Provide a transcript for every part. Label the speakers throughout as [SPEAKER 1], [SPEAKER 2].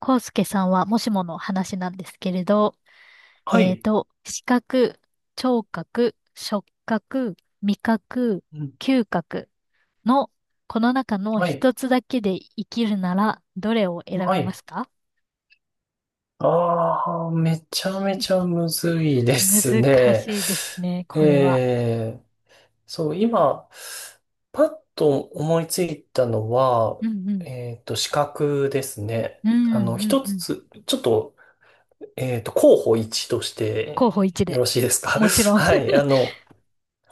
[SPEAKER 1] 康介さんはもしもの話なんですけれど、
[SPEAKER 2] はい。
[SPEAKER 1] 視覚、聴覚、触覚、味覚、
[SPEAKER 2] うん。
[SPEAKER 1] 嗅覚のこの中の
[SPEAKER 2] はい。
[SPEAKER 1] 一つだけで生きるならどれを選
[SPEAKER 2] は
[SPEAKER 1] びま
[SPEAKER 2] い。
[SPEAKER 1] すか？
[SPEAKER 2] ああ、めちゃめちゃむずいで
[SPEAKER 1] 難
[SPEAKER 2] すね。
[SPEAKER 1] しいですね、これは。
[SPEAKER 2] えー、そう、今、パッと思いついたのは、
[SPEAKER 1] うんうん。
[SPEAKER 2] 資格ですね。
[SPEAKER 1] う
[SPEAKER 2] あの、
[SPEAKER 1] んうん
[SPEAKER 2] 一
[SPEAKER 1] うん。
[SPEAKER 2] つ、ちょっと、候補一とし
[SPEAKER 1] 候補
[SPEAKER 2] て
[SPEAKER 1] 1
[SPEAKER 2] よ
[SPEAKER 1] で。
[SPEAKER 2] ろしいですか？
[SPEAKER 1] もちろん。
[SPEAKER 2] はい。あの、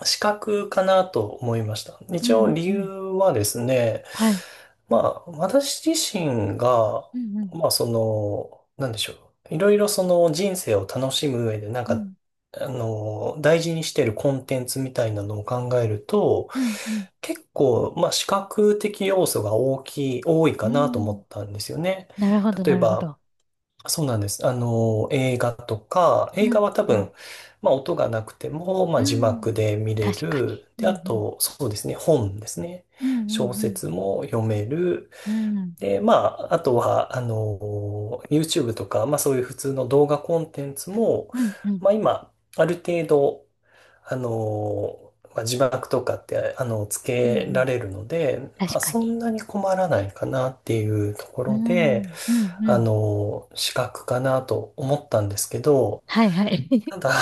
[SPEAKER 2] 資格かなと思いました。
[SPEAKER 1] う
[SPEAKER 2] 一
[SPEAKER 1] ん
[SPEAKER 2] 応
[SPEAKER 1] うん
[SPEAKER 2] 理
[SPEAKER 1] う
[SPEAKER 2] 由
[SPEAKER 1] ん。
[SPEAKER 2] はですね、
[SPEAKER 1] はい。
[SPEAKER 2] まあ、私自身が、
[SPEAKER 1] うんうん
[SPEAKER 2] まあ、その、なんでしょう。いろいろその人生を楽しむ上で、なん
[SPEAKER 1] う
[SPEAKER 2] か、
[SPEAKER 1] ん。
[SPEAKER 2] あの、大事にしてるコンテンツみたいなのを考えると、
[SPEAKER 1] うんうん。
[SPEAKER 2] 結構、まあ、視覚的要素が大きい、多い
[SPEAKER 1] う
[SPEAKER 2] かなと思
[SPEAKER 1] ん。
[SPEAKER 2] ったんですよね。
[SPEAKER 1] なるほど、
[SPEAKER 2] 例え
[SPEAKER 1] なるほ
[SPEAKER 2] ば、
[SPEAKER 1] ど。
[SPEAKER 2] そうなんです。あの、映画とか、
[SPEAKER 1] う
[SPEAKER 2] 映画
[SPEAKER 1] ん
[SPEAKER 2] は多
[SPEAKER 1] うん。
[SPEAKER 2] 分、まあ音がなくても、ま
[SPEAKER 1] う
[SPEAKER 2] あ字幕
[SPEAKER 1] ん。
[SPEAKER 2] で見れ
[SPEAKER 1] 確か
[SPEAKER 2] る。
[SPEAKER 1] に。
[SPEAKER 2] で、
[SPEAKER 1] うん
[SPEAKER 2] あ
[SPEAKER 1] うん。
[SPEAKER 2] と、そうですね、本ですね。
[SPEAKER 1] うんう
[SPEAKER 2] 小
[SPEAKER 1] んうん。
[SPEAKER 2] 説も読める。
[SPEAKER 1] うん。
[SPEAKER 2] で、まあ、あとは、あの、YouTube とか、まあそういう普通の動画コンテンツも、
[SPEAKER 1] うんうん。
[SPEAKER 2] まあ今、ある程度、あの、まあ、字幕とかって、あの、つ
[SPEAKER 1] うんう
[SPEAKER 2] けら
[SPEAKER 1] ん。
[SPEAKER 2] れるので、ま
[SPEAKER 1] 確
[SPEAKER 2] あ
[SPEAKER 1] かに。
[SPEAKER 2] そんなに困らないかなっていうとこ
[SPEAKER 1] う
[SPEAKER 2] ろ
[SPEAKER 1] ん。う
[SPEAKER 2] で、
[SPEAKER 1] んう
[SPEAKER 2] あ
[SPEAKER 1] ん。
[SPEAKER 2] の、資格かなと思ったんですけど、
[SPEAKER 1] はいはい。
[SPEAKER 2] ただ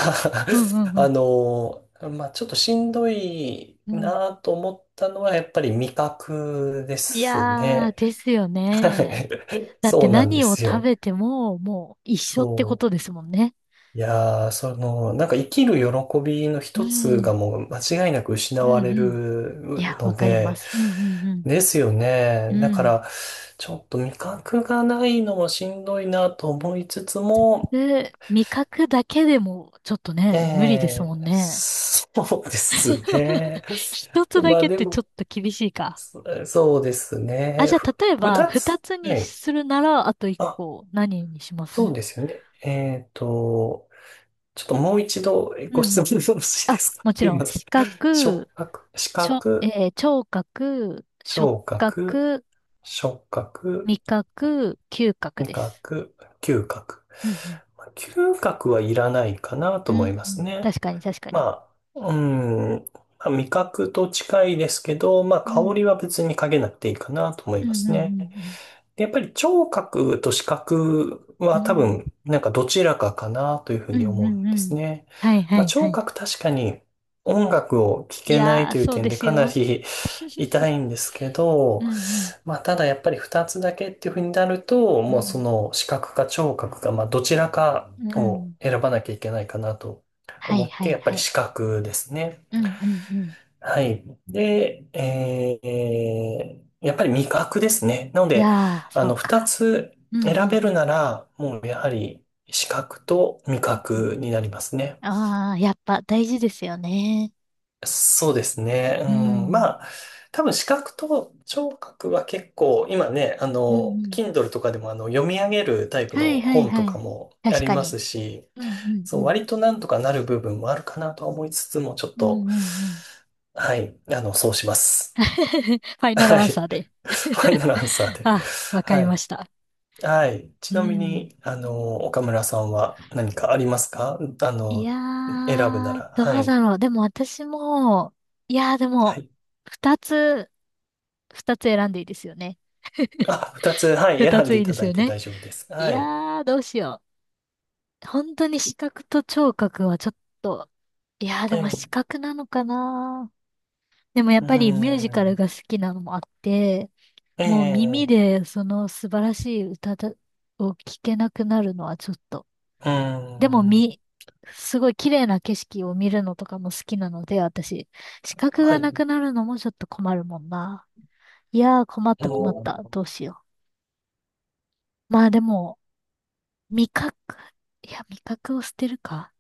[SPEAKER 1] うんう んう
[SPEAKER 2] あ
[SPEAKER 1] ん。
[SPEAKER 2] の、まあ、ちょっとしんどい
[SPEAKER 1] うん。
[SPEAKER 2] なと思ったのは、やっぱり味覚で
[SPEAKER 1] い
[SPEAKER 2] す
[SPEAKER 1] やー、
[SPEAKER 2] ね。
[SPEAKER 1] ですよ
[SPEAKER 2] は
[SPEAKER 1] ね。
[SPEAKER 2] い、
[SPEAKER 1] だっ
[SPEAKER 2] そ
[SPEAKER 1] て
[SPEAKER 2] うなんで
[SPEAKER 1] 何を
[SPEAKER 2] す
[SPEAKER 1] 食
[SPEAKER 2] よ。
[SPEAKER 1] べても、もう一緒ってこ
[SPEAKER 2] そう。
[SPEAKER 1] とですもんね。
[SPEAKER 2] いやー、その、なんか生きる喜びの
[SPEAKER 1] う
[SPEAKER 2] 一つが
[SPEAKER 1] ん。
[SPEAKER 2] もう間違いなく失
[SPEAKER 1] うん
[SPEAKER 2] わ
[SPEAKER 1] う
[SPEAKER 2] れ
[SPEAKER 1] ん。い
[SPEAKER 2] る
[SPEAKER 1] や、わ
[SPEAKER 2] の
[SPEAKER 1] かりま
[SPEAKER 2] で、
[SPEAKER 1] す。うんうんうん。
[SPEAKER 2] ですよ
[SPEAKER 1] う
[SPEAKER 2] ね。だか
[SPEAKER 1] ん。
[SPEAKER 2] ら、ちょっと味覚がないのもしんどいなと思いつつも、
[SPEAKER 1] で、味覚だけでも、ちょっと
[SPEAKER 2] え
[SPEAKER 1] ね、無理ですもん
[SPEAKER 2] え、
[SPEAKER 1] ね。
[SPEAKER 2] そうです ね。
[SPEAKER 1] 一 つだ
[SPEAKER 2] まあ
[SPEAKER 1] けっ
[SPEAKER 2] で
[SPEAKER 1] てちょっ
[SPEAKER 2] も、
[SPEAKER 1] と厳しいか。
[SPEAKER 2] え、そうです
[SPEAKER 1] あ、じ
[SPEAKER 2] ね、
[SPEAKER 1] ゃあ、例え
[SPEAKER 2] まあでもそうですね、ふ、
[SPEAKER 1] ば、
[SPEAKER 2] 二
[SPEAKER 1] 二
[SPEAKER 2] つ。
[SPEAKER 1] つに
[SPEAKER 2] はい。
[SPEAKER 1] するなら、あと一
[SPEAKER 2] あ、
[SPEAKER 1] 個、何にしますう
[SPEAKER 2] そう
[SPEAKER 1] ん
[SPEAKER 2] ですよね。ちょっともう一度
[SPEAKER 1] う
[SPEAKER 2] ご質
[SPEAKER 1] ん。
[SPEAKER 2] 問よろしいで
[SPEAKER 1] あ、
[SPEAKER 2] すか？
[SPEAKER 1] もち
[SPEAKER 2] すい
[SPEAKER 1] ろん、
[SPEAKER 2] ません。
[SPEAKER 1] 視
[SPEAKER 2] 触
[SPEAKER 1] 覚、
[SPEAKER 2] 覚、視
[SPEAKER 1] ちょ、
[SPEAKER 2] 覚、
[SPEAKER 1] えー聴覚、触
[SPEAKER 2] 聴覚、
[SPEAKER 1] 覚、
[SPEAKER 2] 触覚、
[SPEAKER 1] 味覚、嗅覚
[SPEAKER 2] 味
[SPEAKER 1] です。
[SPEAKER 2] 覚、嗅覚。
[SPEAKER 1] うんうん。
[SPEAKER 2] まあ嗅覚はいらないかな
[SPEAKER 1] う
[SPEAKER 2] と
[SPEAKER 1] ん
[SPEAKER 2] 思いま
[SPEAKER 1] う
[SPEAKER 2] す
[SPEAKER 1] ん、
[SPEAKER 2] ね。
[SPEAKER 1] 確かに、確かに。
[SPEAKER 2] まあ、うん、まあ味覚と近いですけど、まあ
[SPEAKER 1] う
[SPEAKER 2] 香
[SPEAKER 1] ん。
[SPEAKER 2] りは別にかけなくていいかなと思
[SPEAKER 1] う
[SPEAKER 2] い
[SPEAKER 1] んう
[SPEAKER 2] ま
[SPEAKER 1] ん
[SPEAKER 2] す
[SPEAKER 1] う
[SPEAKER 2] ね。
[SPEAKER 1] ん
[SPEAKER 2] で、やっぱり聴覚と視覚
[SPEAKER 1] う
[SPEAKER 2] は
[SPEAKER 1] ん。う
[SPEAKER 2] 多分
[SPEAKER 1] ん。
[SPEAKER 2] なんかどちらかかなというふう
[SPEAKER 1] う
[SPEAKER 2] に
[SPEAKER 1] ん
[SPEAKER 2] 思
[SPEAKER 1] う
[SPEAKER 2] うん
[SPEAKER 1] んう
[SPEAKER 2] です
[SPEAKER 1] ん。
[SPEAKER 2] ね。
[SPEAKER 1] はいは
[SPEAKER 2] まあ
[SPEAKER 1] いは
[SPEAKER 2] 聴
[SPEAKER 1] い。
[SPEAKER 2] 覚確かに音楽を聴
[SPEAKER 1] い
[SPEAKER 2] けない
[SPEAKER 1] やー、
[SPEAKER 2] という
[SPEAKER 1] そう
[SPEAKER 2] 点
[SPEAKER 1] で
[SPEAKER 2] で
[SPEAKER 1] す
[SPEAKER 2] かな
[SPEAKER 1] よ。
[SPEAKER 2] り痛 いんですけ
[SPEAKER 1] うん
[SPEAKER 2] ど、
[SPEAKER 1] うん。
[SPEAKER 2] まあ、ただやっぱり二つだけっていうふうになると、
[SPEAKER 1] う
[SPEAKER 2] もうそ
[SPEAKER 1] ん。
[SPEAKER 2] の視覚か聴覚か、まあ、どちらか
[SPEAKER 1] う
[SPEAKER 2] を
[SPEAKER 1] ん。
[SPEAKER 2] 選ばなきゃいけないかなと
[SPEAKER 1] は
[SPEAKER 2] 思
[SPEAKER 1] い
[SPEAKER 2] っ
[SPEAKER 1] は
[SPEAKER 2] て、
[SPEAKER 1] い
[SPEAKER 2] やっぱ
[SPEAKER 1] は
[SPEAKER 2] り
[SPEAKER 1] い。
[SPEAKER 2] 視覚ですね。
[SPEAKER 1] うんうんうん。
[SPEAKER 2] はい。で、やっぱり味覚ですね。なの
[SPEAKER 1] い
[SPEAKER 2] で、
[SPEAKER 1] やー、
[SPEAKER 2] あ
[SPEAKER 1] そう
[SPEAKER 2] の、
[SPEAKER 1] か。
[SPEAKER 2] 二つ
[SPEAKER 1] うんう
[SPEAKER 2] 選
[SPEAKER 1] ん。
[SPEAKER 2] べるなら、もうやはり視覚と味覚になりますね。
[SPEAKER 1] ああー、やっぱ大事ですよね。
[SPEAKER 2] そうですね。
[SPEAKER 1] う
[SPEAKER 2] うん、
[SPEAKER 1] ん。
[SPEAKER 2] まあ、多分視覚と聴覚は結構、今ね、あ
[SPEAKER 1] うんう
[SPEAKER 2] の、
[SPEAKER 1] ん。
[SPEAKER 2] Kindle とかでもあの読み上げるタイプ
[SPEAKER 1] は
[SPEAKER 2] の
[SPEAKER 1] いはい
[SPEAKER 2] 本
[SPEAKER 1] は
[SPEAKER 2] とか
[SPEAKER 1] い。
[SPEAKER 2] もあ
[SPEAKER 1] 確
[SPEAKER 2] り
[SPEAKER 1] か
[SPEAKER 2] ま
[SPEAKER 1] に。
[SPEAKER 2] すし、
[SPEAKER 1] うんうんう
[SPEAKER 2] そう、
[SPEAKER 1] ん。
[SPEAKER 2] 割となんとかなる部分もあるかなとは思いつつも、ちょっ
[SPEAKER 1] うん
[SPEAKER 2] と、
[SPEAKER 1] うんうん。
[SPEAKER 2] はい、あの、そうしま す。
[SPEAKER 1] ファイナル
[SPEAKER 2] は
[SPEAKER 1] アンサ
[SPEAKER 2] い。
[SPEAKER 1] ーで。
[SPEAKER 2] ファイナ ルアンサーで。
[SPEAKER 1] あ、わか
[SPEAKER 2] は
[SPEAKER 1] りま
[SPEAKER 2] い。
[SPEAKER 1] した。
[SPEAKER 2] はい。
[SPEAKER 1] う
[SPEAKER 2] ちなみ
[SPEAKER 1] ん。
[SPEAKER 2] に、あの、岡村さんは何かありますか？あ
[SPEAKER 1] い
[SPEAKER 2] の、
[SPEAKER 1] や
[SPEAKER 2] 選ぶな
[SPEAKER 1] ー、
[SPEAKER 2] ら。
[SPEAKER 1] ど
[SPEAKER 2] は
[SPEAKER 1] う
[SPEAKER 2] い。
[SPEAKER 1] だろう。でも私も、いやーで
[SPEAKER 2] は
[SPEAKER 1] も、
[SPEAKER 2] い、
[SPEAKER 1] 二つ、二つ選んでいいですよね。
[SPEAKER 2] あ、二つ、はい、
[SPEAKER 1] 二
[SPEAKER 2] 選ん
[SPEAKER 1] つ
[SPEAKER 2] で
[SPEAKER 1] い
[SPEAKER 2] い
[SPEAKER 1] いで
[SPEAKER 2] た
[SPEAKER 1] す
[SPEAKER 2] だい
[SPEAKER 1] よ
[SPEAKER 2] て
[SPEAKER 1] ね。
[SPEAKER 2] 大丈夫です。
[SPEAKER 1] い
[SPEAKER 2] はい。
[SPEAKER 1] やー、どうしよう。本当に視覚と聴覚はちょっと、いやーで
[SPEAKER 2] え
[SPEAKER 1] も視
[SPEAKER 2] え、
[SPEAKER 1] 覚なのかな。でもやっ
[SPEAKER 2] うー
[SPEAKER 1] ぱりミュージカルが
[SPEAKER 2] ん、
[SPEAKER 1] 好きなのもあって、
[SPEAKER 2] え
[SPEAKER 1] もう耳
[SPEAKER 2] え、
[SPEAKER 1] でその素晴らしい歌だを聞けなくなるのはちょっと。
[SPEAKER 2] うー
[SPEAKER 1] でも
[SPEAKER 2] ん、
[SPEAKER 1] みすごい綺麗な景色を見るのとかも好きなので、私、視覚
[SPEAKER 2] は
[SPEAKER 1] が
[SPEAKER 2] い。
[SPEAKER 1] なくなるのもちょっと困るもんな。いやー困っ
[SPEAKER 2] う
[SPEAKER 1] た困っ
[SPEAKER 2] ん、
[SPEAKER 1] た。どうしよう。まあでも、味覚、いや、味覚を捨てるか。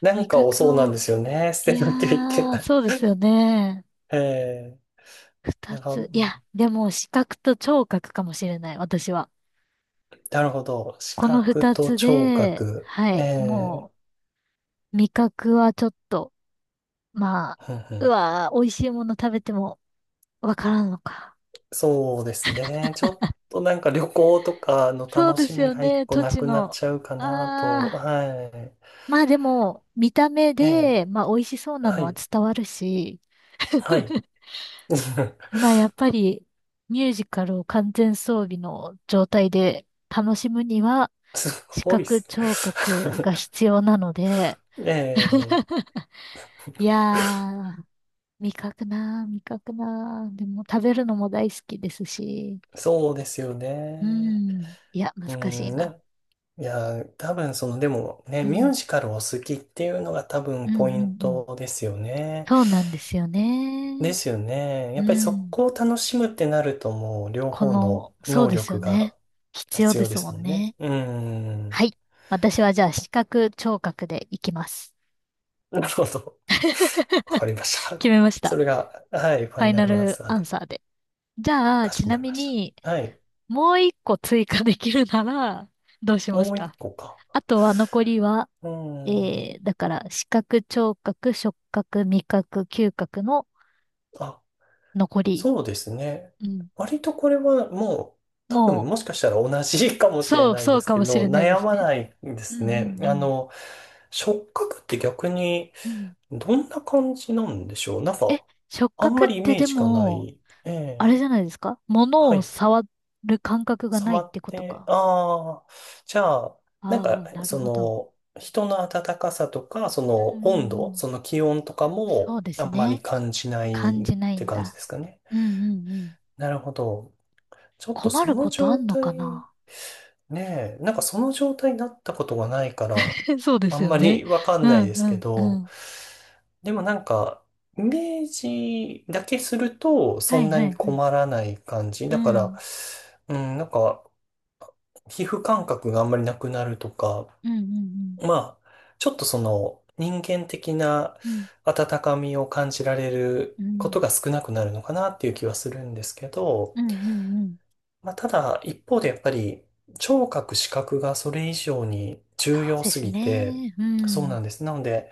[SPEAKER 2] な
[SPEAKER 1] 味
[SPEAKER 2] んかを、そう
[SPEAKER 1] 覚
[SPEAKER 2] なん
[SPEAKER 1] を、
[SPEAKER 2] ですよね。捨
[SPEAKER 1] い
[SPEAKER 2] て
[SPEAKER 1] や
[SPEAKER 2] なきゃいけ
[SPEAKER 1] ー、
[SPEAKER 2] ない。
[SPEAKER 1] そうですよね。
[SPEAKER 2] ええ、
[SPEAKER 1] 二
[SPEAKER 2] なんか、
[SPEAKER 1] つ。いや、でも視覚と聴覚かもしれない、私は。
[SPEAKER 2] なるほど。視
[SPEAKER 1] この
[SPEAKER 2] 覚
[SPEAKER 1] 二
[SPEAKER 2] と
[SPEAKER 1] つ
[SPEAKER 2] 聴
[SPEAKER 1] で、
[SPEAKER 2] 覚。
[SPEAKER 1] は
[SPEAKER 2] え
[SPEAKER 1] い、
[SPEAKER 2] え、
[SPEAKER 1] もう、味覚はちょっと、まあ、
[SPEAKER 2] ふんふ
[SPEAKER 1] う
[SPEAKER 2] ん、
[SPEAKER 1] わー、美味しいもの食べてもわからんのか。
[SPEAKER 2] そうですね。ちょっとなんか旅行とかの
[SPEAKER 1] そう
[SPEAKER 2] 楽
[SPEAKER 1] で
[SPEAKER 2] し
[SPEAKER 1] す
[SPEAKER 2] み
[SPEAKER 1] よ
[SPEAKER 2] が一
[SPEAKER 1] ね、
[SPEAKER 2] 個
[SPEAKER 1] 土
[SPEAKER 2] な
[SPEAKER 1] 地
[SPEAKER 2] くなっ
[SPEAKER 1] の。
[SPEAKER 2] ちゃうかなと。
[SPEAKER 1] あ
[SPEAKER 2] はい。
[SPEAKER 1] ー、まあでも、見た目
[SPEAKER 2] ええ、
[SPEAKER 1] で、まあ美味しそうな
[SPEAKER 2] は
[SPEAKER 1] のは
[SPEAKER 2] い、
[SPEAKER 1] 伝わるし、
[SPEAKER 2] はい。
[SPEAKER 1] まあ、やっぱりミュージカルを完全装備の状態で楽しむには、
[SPEAKER 2] す
[SPEAKER 1] 視
[SPEAKER 2] ごいっ
[SPEAKER 1] 覚
[SPEAKER 2] すね。
[SPEAKER 1] 聴覚が 必要なので、
[SPEAKER 2] ええ、
[SPEAKER 1] いやー、味覚なー、味覚なー。でも食べるのも大好きですし、
[SPEAKER 2] そうですよ
[SPEAKER 1] う
[SPEAKER 2] ね。
[SPEAKER 1] ん、いや、
[SPEAKER 2] う
[SPEAKER 1] 難しい
[SPEAKER 2] ん、
[SPEAKER 1] な。
[SPEAKER 2] ね。いや、多分その、でもね、
[SPEAKER 1] う
[SPEAKER 2] ミュ
[SPEAKER 1] ん、
[SPEAKER 2] ージカルを好きっていうのが多
[SPEAKER 1] う
[SPEAKER 2] 分
[SPEAKER 1] ん、う
[SPEAKER 2] ポイ
[SPEAKER 1] ん、う
[SPEAKER 2] ン
[SPEAKER 1] ん。
[SPEAKER 2] トですよね。
[SPEAKER 1] そうなんですよ
[SPEAKER 2] で
[SPEAKER 1] ね。
[SPEAKER 2] すよね。
[SPEAKER 1] う
[SPEAKER 2] やっぱりそ
[SPEAKER 1] ん、
[SPEAKER 2] こを楽しむってなるともう両
[SPEAKER 1] こ
[SPEAKER 2] 方の
[SPEAKER 1] の、そう
[SPEAKER 2] 能
[SPEAKER 1] ですよ
[SPEAKER 2] 力
[SPEAKER 1] ね。
[SPEAKER 2] が
[SPEAKER 1] 必要
[SPEAKER 2] 必
[SPEAKER 1] で
[SPEAKER 2] 要で
[SPEAKER 1] すも
[SPEAKER 2] すも
[SPEAKER 1] ん
[SPEAKER 2] んね。
[SPEAKER 1] ね。
[SPEAKER 2] うん。
[SPEAKER 1] はい。私はじゃあ視覚聴覚でいきます。
[SPEAKER 2] なるほど。わかりました。
[SPEAKER 1] 決めまし
[SPEAKER 2] そ
[SPEAKER 1] た。
[SPEAKER 2] れが、はい、ファ
[SPEAKER 1] フ
[SPEAKER 2] イ
[SPEAKER 1] ァイ
[SPEAKER 2] ナ
[SPEAKER 1] ナ
[SPEAKER 2] ルアン
[SPEAKER 1] ル
[SPEAKER 2] サー
[SPEAKER 1] ア
[SPEAKER 2] で、
[SPEAKER 1] ンサーで。じゃあ、
[SPEAKER 2] かし
[SPEAKER 1] ち
[SPEAKER 2] こま
[SPEAKER 1] な
[SPEAKER 2] り
[SPEAKER 1] み
[SPEAKER 2] まし
[SPEAKER 1] に、
[SPEAKER 2] た。はい。
[SPEAKER 1] もう一個追加できるなら、どうしま
[SPEAKER 2] も
[SPEAKER 1] す
[SPEAKER 2] う一
[SPEAKER 1] か？
[SPEAKER 2] 個か。
[SPEAKER 1] あとは残りは、
[SPEAKER 2] う
[SPEAKER 1] え
[SPEAKER 2] ん。
[SPEAKER 1] ー、だから、視覚、聴覚、触覚、味覚、嗅覚の
[SPEAKER 2] あ、
[SPEAKER 1] 残り。
[SPEAKER 2] そうですね。
[SPEAKER 1] うん。
[SPEAKER 2] 割とこれはもう多分
[SPEAKER 1] も
[SPEAKER 2] もしかしたら同じかも
[SPEAKER 1] う、
[SPEAKER 2] しれ
[SPEAKER 1] そう、
[SPEAKER 2] ない
[SPEAKER 1] そ
[SPEAKER 2] で
[SPEAKER 1] う
[SPEAKER 2] す
[SPEAKER 1] か
[SPEAKER 2] け
[SPEAKER 1] もし
[SPEAKER 2] ど、
[SPEAKER 1] れないで
[SPEAKER 2] 悩
[SPEAKER 1] す
[SPEAKER 2] ま
[SPEAKER 1] ね。
[SPEAKER 2] ないで
[SPEAKER 1] うん
[SPEAKER 2] す
[SPEAKER 1] う
[SPEAKER 2] ね。あ
[SPEAKER 1] ん
[SPEAKER 2] の、触覚って逆に
[SPEAKER 1] うん。うん。
[SPEAKER 2] どんな感じなんでしょう？なん
[SPEAKER 1] え、
[SPEAKER 2] か、
[SPEAKER 1] 触
[SPEAKER 2] あん
[SPEAKER 1] 覚
[SPEAKER 2] ま
[SPEAKER 1] っ
[SPEAKER 2] りイ
[SPEAKER 1] て
[SPEAKER 2] メー
[SPEAKER 1] で
[SPEAKER 2] ジがな
[SPEAKER 1] も、
[SPEAKER 2] い。え
[SPEAKER 1] あ
[SPEAKER 2] え、
[SPEAKER 1] れじゃないですか？物
[SPEAKER 2] は
[SPEAKER 1] を
[SPEAKER 2] い。
[SPEAKER 1] 触る感覚がない
[SPEAKER 2] 触
[SPEAKER 1] っ
[SPEAKER 2] っ
[SPEAKER 1] てこと
[SPEAKER 2] て、
[SPEAKER 1] か。
[SPEAKER 2] ああ、じゃあ、なんか、
[SPEAKER 1] ああ、なる
[SPEAKER 2] そ
[SPEAKER 1] ほど。
[SPEAKER 2] の、人の温かさとか、そ
[SPEAKER 1] うんう
[SPEAKER 2] の
[SPEAKER 1] んう
[SPEAKER 2] 温度、
[SPEAKER 1] ん。
[SPEAKER 2] その気温とか
[SPEAKER 1] そ
[SPEAKER 2] も
[SPEAKER 1] うで
[SPEAKER 2] あ
[SPEAKER 1] す
[SPEAKER 2] んまり
[SPEAKER 1] ね。
[SPEAKER 2] 感じな
[SPEAKER 1] 感
[SPEAKER 2] いっ
[SPEAKER 1] じない
[SPEAKER 2] て
[SPEAKER 1] ん
[SPEAKER 2] 感じ
[SPEAKER 1] だ。
[SPEAKER 2] ですかね。
[SPEAKER 1] うんうんうん。
[SPEAKER 2] なるほど。ちょっと
[SPEAKER 1] 困
[SPEAKER 2] そ
[SPEAKER 1] る
[SPEAKER 2] の
[SPEAKER 1] ことあ
[SPEAKER 2] 状
[SPEAKER 1] んの
[SPEAKER 2] 態、
[SPEAKER 1] かな。
[SPEAKER 2] ねえ、なんかその状態になったことがないから、
[SPEAKER 1] そうで
[SPEAKER 2] あ
[SPEAKER 1] す
[SPEAKER 2] ん
[SPEAKER 1] よ
[SPEAKER 2] ま
[SPEAKER 1] ね。
[SPEAKER 2] りわか
[SPEAKER 1] う
[SPEAKER 2] んない
[SPEAKER 1] ん
[SPEAKER 2] です
[SPEAKER 1] う
[SPEAKER 2] け
[SPEAKER 1] んう
[SPEAKER 2] ど、
[SPEAKER 1] ん。
[SPEAKER 2] でもなんか、イメージだけすると、
[SPEAKER 1] は
[SPEAKER 2] そん
[SPEAKER 1] い
[SPEAKER 2] な
[SPEAKER 1] は
[SPEAKER 2] に
[SPEAKER 1] いはい。
[SPEAKER 2] 困らない感じ。
[SPEAKER 1] う
[SPEAKER 2] だから、
[SPEAKER 1] ん。
[SPEAKER 2] うん、なんか、皮膚感覚があんまりなくなるとか、
[SPEAKER 1] うんうん
[SPEAKER 2] まあ、ちょっとその、人間的な
[SPEAKER 1] うん。
[SPEAKER 2] 温かみを感じられる
[SPEAKER 1] うんう
[SPEAKER 2] こ
[SPEAKER 1] ん。
[SPEAKER 2] とが少なくなるのかなっていう気はするんですけど、
[SPEAKER 1] うんうんうん。
[SPEAKER 2] まあ、ただ、一方でやっぱり、聴覚、視覚がそれ以上に重
[SPEAKER 1] そう
[SPEAKER 2] 要
[SPEAKER 1] で
[SPEAKER 2] す
[SPEAKER 1] す
[SPEAKER 2] ぎて、
[SPEAKER 1] ね。う
[SPEAKER 2] そう
[SPEAKER 1] ん。
[SPEAKER 2] なんです。なので、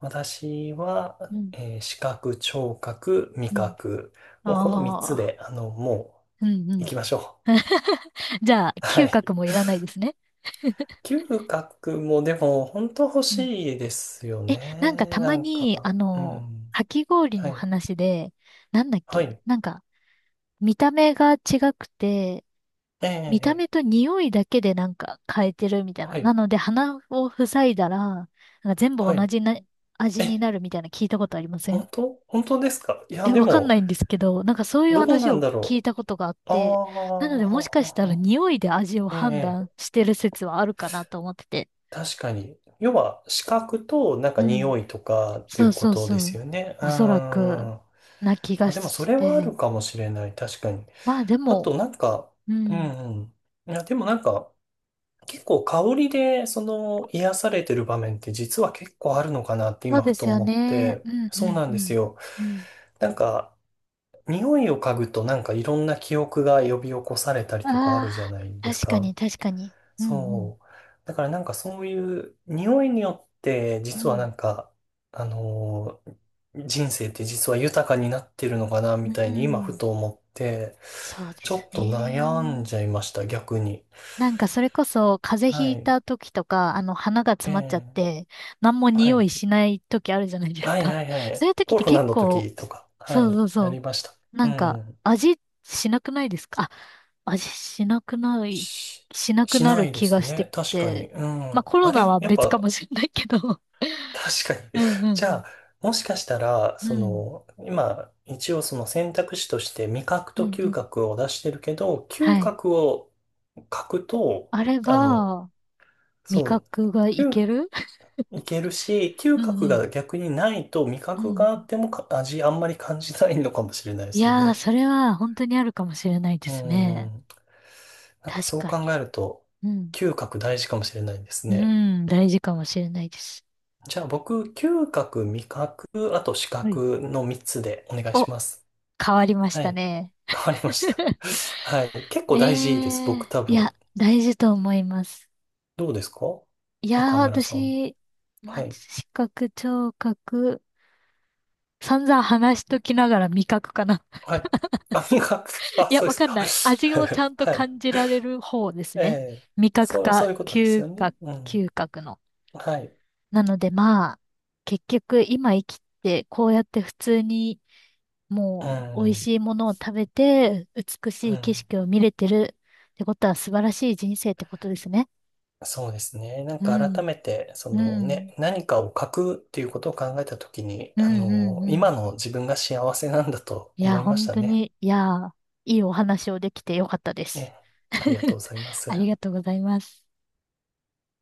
[SPEAKER 2] 私は、
[SPEAKER 1] うん
[SPEAKER 2] 視覚、聴覚、味
[SPEAKER 1] うん。
[SPEAKER 2] 覚、もうこの3
[SPEAKER 1] あ
[SPEAKER 2] つ
[SPEAKER 1] あ。
[SPEAKER 2] で、あの、も
[SPEAKER 1] うんう
[SPEAKER 2] う、行き
[SPEAKER 1] ん。
[SPEAKER 2] ましょ
[SPEAKER 1] じゃあ、
[SPEAKER 2] う。は
[SPEAKER 1] 嗅
[SPEAKER 2] い。
[SPEAKER 1] 覚もいらないですね。
[SPEAKER 2] 嗅覚もでも、本当欲
[SPEAKER 1] うん。
[SPEAKER 2] しいですよ
[SPEAKER 1] え、なんか
[SPEAKER 2] ね。
[SPEAKER 1] た
[SPEAKER 2] な
[SPEAKER 1] ま
[SPEAKER 2] んか、
[SPEAKER 1] に、あ
[SPEAKER 2] う
[SPEAKER 1] の、
[SPEAKER 2] ん。
[SPEAKER 1] かき氷
[SPEAKER 2] は
[SPEAKER 1] の
[SPEAKER 2] い。
[SPEAKER 1] 話で、なんだっ
[SPEAKER 2] は
[SPEAKER 1] け、
[SPEAKER 2] い。
[SPEAKER 1] なんか、見た目が違くて、
[SPEAKER 2] ええ、
[SPEAKER 1] 見た目
[SPEAKER 2] え
[SPEAKER 1] と
[SPEAKER 2] え、
[SPEAKER 1] 匂いだけでなんか変えてるみたい
[SPEAKER 2] は
[SPEAKER 1] な。な
[SPEAKER 2] い。
[SPEAKER 1] ので鼻を塞いだら、なんか全部
[SPEAKER 2] は
[SPEAKER 1] 同
[SPEAKER 2] い。
[SPEAKER 1] じな味に
[SPEAKER 2] え、
[SPEAKER 1] なるみたいな、聞いたことありません
[SPEAKER 2] 本当、本当ですか？いや、
[SPEAKER 1] え、
[SPEAKER 2] で
[SPEAKER 1] わかんな
[SPEAKER 2] も、
[SPEAKER 1] いんですけど、なんかそういう
[SPEAKER 2] どう
[SPEAKER 1] 話
[SPEAKER 2] なん
[SPEAKER 1] を
[SPEAKER 2] だ
[SPEAKER 1] 聞い
[SPEAKER 2] ろ
[SPEAKER 1] たことがあっ
[SPEAKER 2] う。ああ、
[SPEAKER 1] て、なのでも
[SPEAKER 2] はは
[SPEAKER 1] しかしたら
[SPEAKER 2] は。
[SPEAKER 1] 匂いで味を
[SPEAKER 2] え
[SPEAKER 1] 判断
[SPEAKER 2] え、
[SPEAKER 1] してる説はあるかなと思ってて。
[SPEAKER 2] 確かに。要は、視覚と、なんか
[SPEAKER 1] うん。
[SPEAKER 2] 匂いとかってい
[SPEAKER 1] そ
[SPEAKER 2] う
[SPEAKER 1] う
[SPEAKER 2] こ
[SPEAKER 1] そう
[SPEAKER 2] とで
[SPEAKER 1] そ
[SPEAKER 2] す
[SPEAKER 1] う。
[SPEAKER 2] よね。うん。
[SPEAKER 1] おそらく、な気が
[SPEAKER 2] あ、でも、そ
[SPEAKER 1] し
[SPEAKER 2] れはあ
[SPEAKER 1] て。
[SPEAKER 2] るかもしれない。確かに。
[SPEAKER 1] まあで
[SPEAKER 2] あ
[SPEAKER 1] も、
[SPEAKER 2] と、なんか、
[SPEAKER 1] う
[SPEAKER 2] う
[SPEAKER 1] ん。
[SPEAKER 2] んうん。いや、でもなんか、結構香りで、その、癒されてる場面って実は結構あるのかなって
[SPEAKER 1] そう
[SPEAKER 2] 今、
[SPEAKER 1] で
[SPEAKER 2] ふと
[SPEAKER 1] すよ
[SPEAKER 2] 思っ
[SPEAKER 1] ね。
[SPEAKER 2] て。
[SPEAKER 1] うんう
[SPEAKER 2] そう
[SPEAKER 1] ん
[SPEAKER 2] な
[SPEAKER 1] う
[SPEAKER 2] んです
[SPEAKER 1] ん。
[SPEAKER 2] よ。
[SPEAKER 1] うん。
[SPEAKER 2] なんか、匂いを嗅ぐと、なんかいろんな記憶が呼び起こされたりとかあるじゃ
[SPEAKER 1] あ
[SPEAKER 2] ない
[SPEAKER 1] あ、
[SPEAKER 2] です
[SPEAKER 1] 確か
[SPEAKER 2] か。
[SPEAKER 1] に確かに。うん
[SPEAKER 2] そう。だからなんかそういう匂いによって
[SPEAKER 1] うん。
[SPEAKER 2] 実
[SPEAKER 1] う
[SPEAKER 2] は
[SPEAKER 1] ん。
[SPEAKER 2] なんか、あのー人生って実は豊かになってるのかな
[SPEAKER 1] う
[SPEAKER 2] みたいに今ふ
[SPEAKER 1] ん。
[SPEAKER 2] と思って、
[SPEAKER 1] そうで
[SPEAKER 2] ちょ
[SPEAKER 1] す
[SPEAKER 2] っと悩ん
[SPEAKER 1] ね。
[SPEAKER 2] じゃいました、逆に。
[SPEAKER 1] なんかそれこそ風邪
[SPEAKER 2] は
[SPEAKER 1] ひい
[SPEAKER 2] い。
[SPEAKER 1] た時とか、あの鼻が詰
[SPEAKER 2] え
[SPEAKER 1] まっちゃっ
[SPEAKER 2] え、
[SPEAKER 1] て、何も
[SPEAKER 2] は
[SPEAKER 1] 匂
[SPEAKER 2] い。
[SPEAKER 1] いしない時あるじゃないです
[SPEAKER 2] はいは
[SPEAKER 1] か。
[SPEAKER 2] いは
[SPEAKER 1] そう
[SPEAKER 2] い。
[SPEAKER 1] いう時っ
[SPEAKER 2] コ
[SPEAKER 1] て
[SPEAKER 2] ロナ
[SPEAKER 1] 結
[SPEAKER 2] の
[SPEAKER 1] 構、
[SPEAKER 2] 時とか、は
[SPEAKER 1] そう
[SPEAKER 2] い、
[SPEAKER 1] そう
[SPEAKER 2] な
[SPEAKER 1] そ
[SPEAKER 2] りました。
[SPEAKER 1] う。な
[SPEAKER 2] う
[SPEAKER 1] んか
[SPEAKER 2] ん。
[SPEAKER 1] 味しなくないですか？あ、味しなくない、
[SPEAKER 2] し、
[SPEAKER 1] しなく
[SPEAKER 2] し
[SPEAKER 1] な
[SPEAKER 2] な
[SPEAKER 1] る
[SPEAKER 2] いで
[SPEAKER 1] 気
[SPEAKER 2] す
[SPEAKER 1] がして
[SPEAKER 2] ね。
[SPEAKER 1] き
[SPEAKER 2] 確かに。
[SPEAKER 1] て。
[SPEAKER 2] う
[SPEAKER 1] まあ
[SPEAKER 2] ん。
[SPEAKER 1] コロ
[SPEAKER 2] あ
[SPEAKER 1] ナ
[SPEAKER 2] れ、
[SPEAKER 1] は
[SPEAKER 2] やっ
[SPEAKER 1] 別か
[SPEAKER 2] ぱ
[SPEAKER 1] もしれないけど。
[SPEAKER 2] 確か
[SPEAKER 1] う
[SPEAKER 2] に。
[SPEAKER 1] んう
[SPEAKER 2] じ
[SPEAKER 1] ん
[SPEAKER 2] ゃあ、もしかしたら、
[SPEAKER 1] うん。
[SPEAKER 2] そ
[SPEAKER 1] うん。
[SPEAKER 2] の、今、一応その選択肢として味覚
[SPEAKER 1] うん
[SPEAKER 2] と
[SPEAKER 1] う
[SPEAKER 2] 嗅
[SPEAKER 1] ん。
[SPEAKER 2] 覚を出してるけど、
[SPEAKER 1] は
[SPEAKER 2] 嗅
[SPEAKER 1] い。
[SPEAKER 2] 覚を書くと、
[SPEAKER 1] あれ
[SPEAKER 2] あの、
[SPEAKER 1] ば、味
[SPEAKER 2] そう、
[SPEAKER 1] 覚がい
[SPEAKER 2] 嗅、
[SPEAKER 1] ける。
[SPEAKER 2] いけるし、嗅
[SPEAKER 1] うんう
[SPEAKER 2] 覚
[SPEAKER 1] ん。
[SPEAKER 2] が逆にないと味
[SPEAKER 1] う
[SPEAKER 2] 覚
[SPEAKER 1] ん
[SPEAKER 2] があ
[SPEAKER 1] うん。
[SPEAKER 2] っても、か、味あんまり感じないのかもしれないで
[SPEAKER 1] い
[SPEAKER 2] すよ
[SPEAKER 1] やー、
[SPEAKER 2] ね。
[SPEAKER 1] それは本当にあるかもしれないで
[SPEAKER 2] う
[SPEAKER 1] すね。
[SPEAKER 2] ん。なんか
[SPEAKER 1] 確
[SPEAKER 2] そう
[SPEAKER 1] か
[SPEAKER 2] 考
[SPEAKER 1] に。
[SPEAKER 2] えると、
[SPEAKER 1] うん。
[SPEAKER 2] 嗅覚大事かもしれないです
[SPEAKER 1] う
[SPEAKER 2] ね。
[SPEAKER 1] ん、大事かもしれないです。
[SPEAKER 2] じゃあ僕、嗅覚、味覚、あと視
[SPEAKER 1] はい。
[SPEAKER 2] 覚の3つでお願い
[SPEAKER 1] お、
[SPEAKER 2] します。
[SPEAKER 1] 変わりまし
[SPEAKER 2] は
[SPEAKER 1] た
[SPEAKER 2] い。
[SPEAKER 1] ね。
[SPEAKER 2] 変わりました。はい。結
[SPEAKER 1] え
[SPEAKER 2] 構大事です、
[SPEAKER 1] え、
[SPEAKER 2] 僕多
[SPEAKER 1] い
[SPEAKER 2] 分。
[SPEAKER 1] や、大事と思います。
[SPEAKER 2] どうですか？
[SPEAKER 1] いやー、
[SPEAKER 2] 岡村さんは。
[SPEAKER 1] 私、まあ、
[SPEAKER 2] はい。
[SPEAKER 1] 視覚、聴覚、散々話しときながら味覚かな。
[SPEAKER 2] はい。あ、なんか、 あ、
[SPEAKER 1] いや、
[SPEAKER 2] そう
[SPEAKER 1] わ
[SPEAKER 2] です
[SPEAKER 1] かん
[SPEAKER 2] か？
[SPEAKER 1] ない。味をちゃん と
[SPEAKER 2] はい。
[SPEAKER 1] 感じられる方です
[SPEAKER 2] え
[SPEAKER 1] ね。味
[SPEAKER 2] え。
[SPEAKER 1] 覚
[SPEAKER 2] そう、そ
[SPEAKER 1] か、
[SPEAKER 2] ういうことです
[SPEAKER 1] 嗅
[SPEAKER 2] よね。
[SPEAKER 1] 覚、
[SPEAKER 2] うん。
[SPEAKER 1] 嗅覚の。
[SPEAKER 2] はい。
[SPEAKER 1] なのでまあ、結局今生きて、こうやって普通に
[SPEAKER 2] う
[SPEAKER 1] もう美味
[SPEAKER 2] ん。
[SPEAKER 1] しいものを食べて、美
[SPEAKER 2] う
[SPEAKER 1] しい景
[SPEAKER 2] ん。
[SPEAKER 1] 色を見れてるってことは素晴らしい人生ってことですね。
[SPEAKER 2] そうですね。なん
[SPEAKER 1] う
[SPEAKER 2] か改
[SPEAKER 1] ん、
[SPEAKER 2] めて、そ
[SPEAKER 1] う
[SPEAKER 2] の
[SPEAKER 1] ん、
[SPEAKER 2] ね、何かを書くっていうことを考えたときに、
[SPEAKER 1] うん、
[SPEAKER 2] あ
[SPEAKER 1] うん、
[SPEAKER 2] の、
[SPEAKER 1] う
[SPEAKER 2] 今
[SPEAKER 1] ん。
[SPEAKER 2] の自分が幸せなんだと
[SPEAKER 1] いや、
[SPEAKER 2] 思いまし
[SPEAKER 1] 本
[SPEAKER 2] た
[SPEAKER 1] 当
[SPEAKER 2] ね。
[SPEAKER 1] に、いや、いいお話をできてよかったです。
[SPEAKER 2] ね。ありがとう ございます。
[SPEAKER 1] ありがとうございます。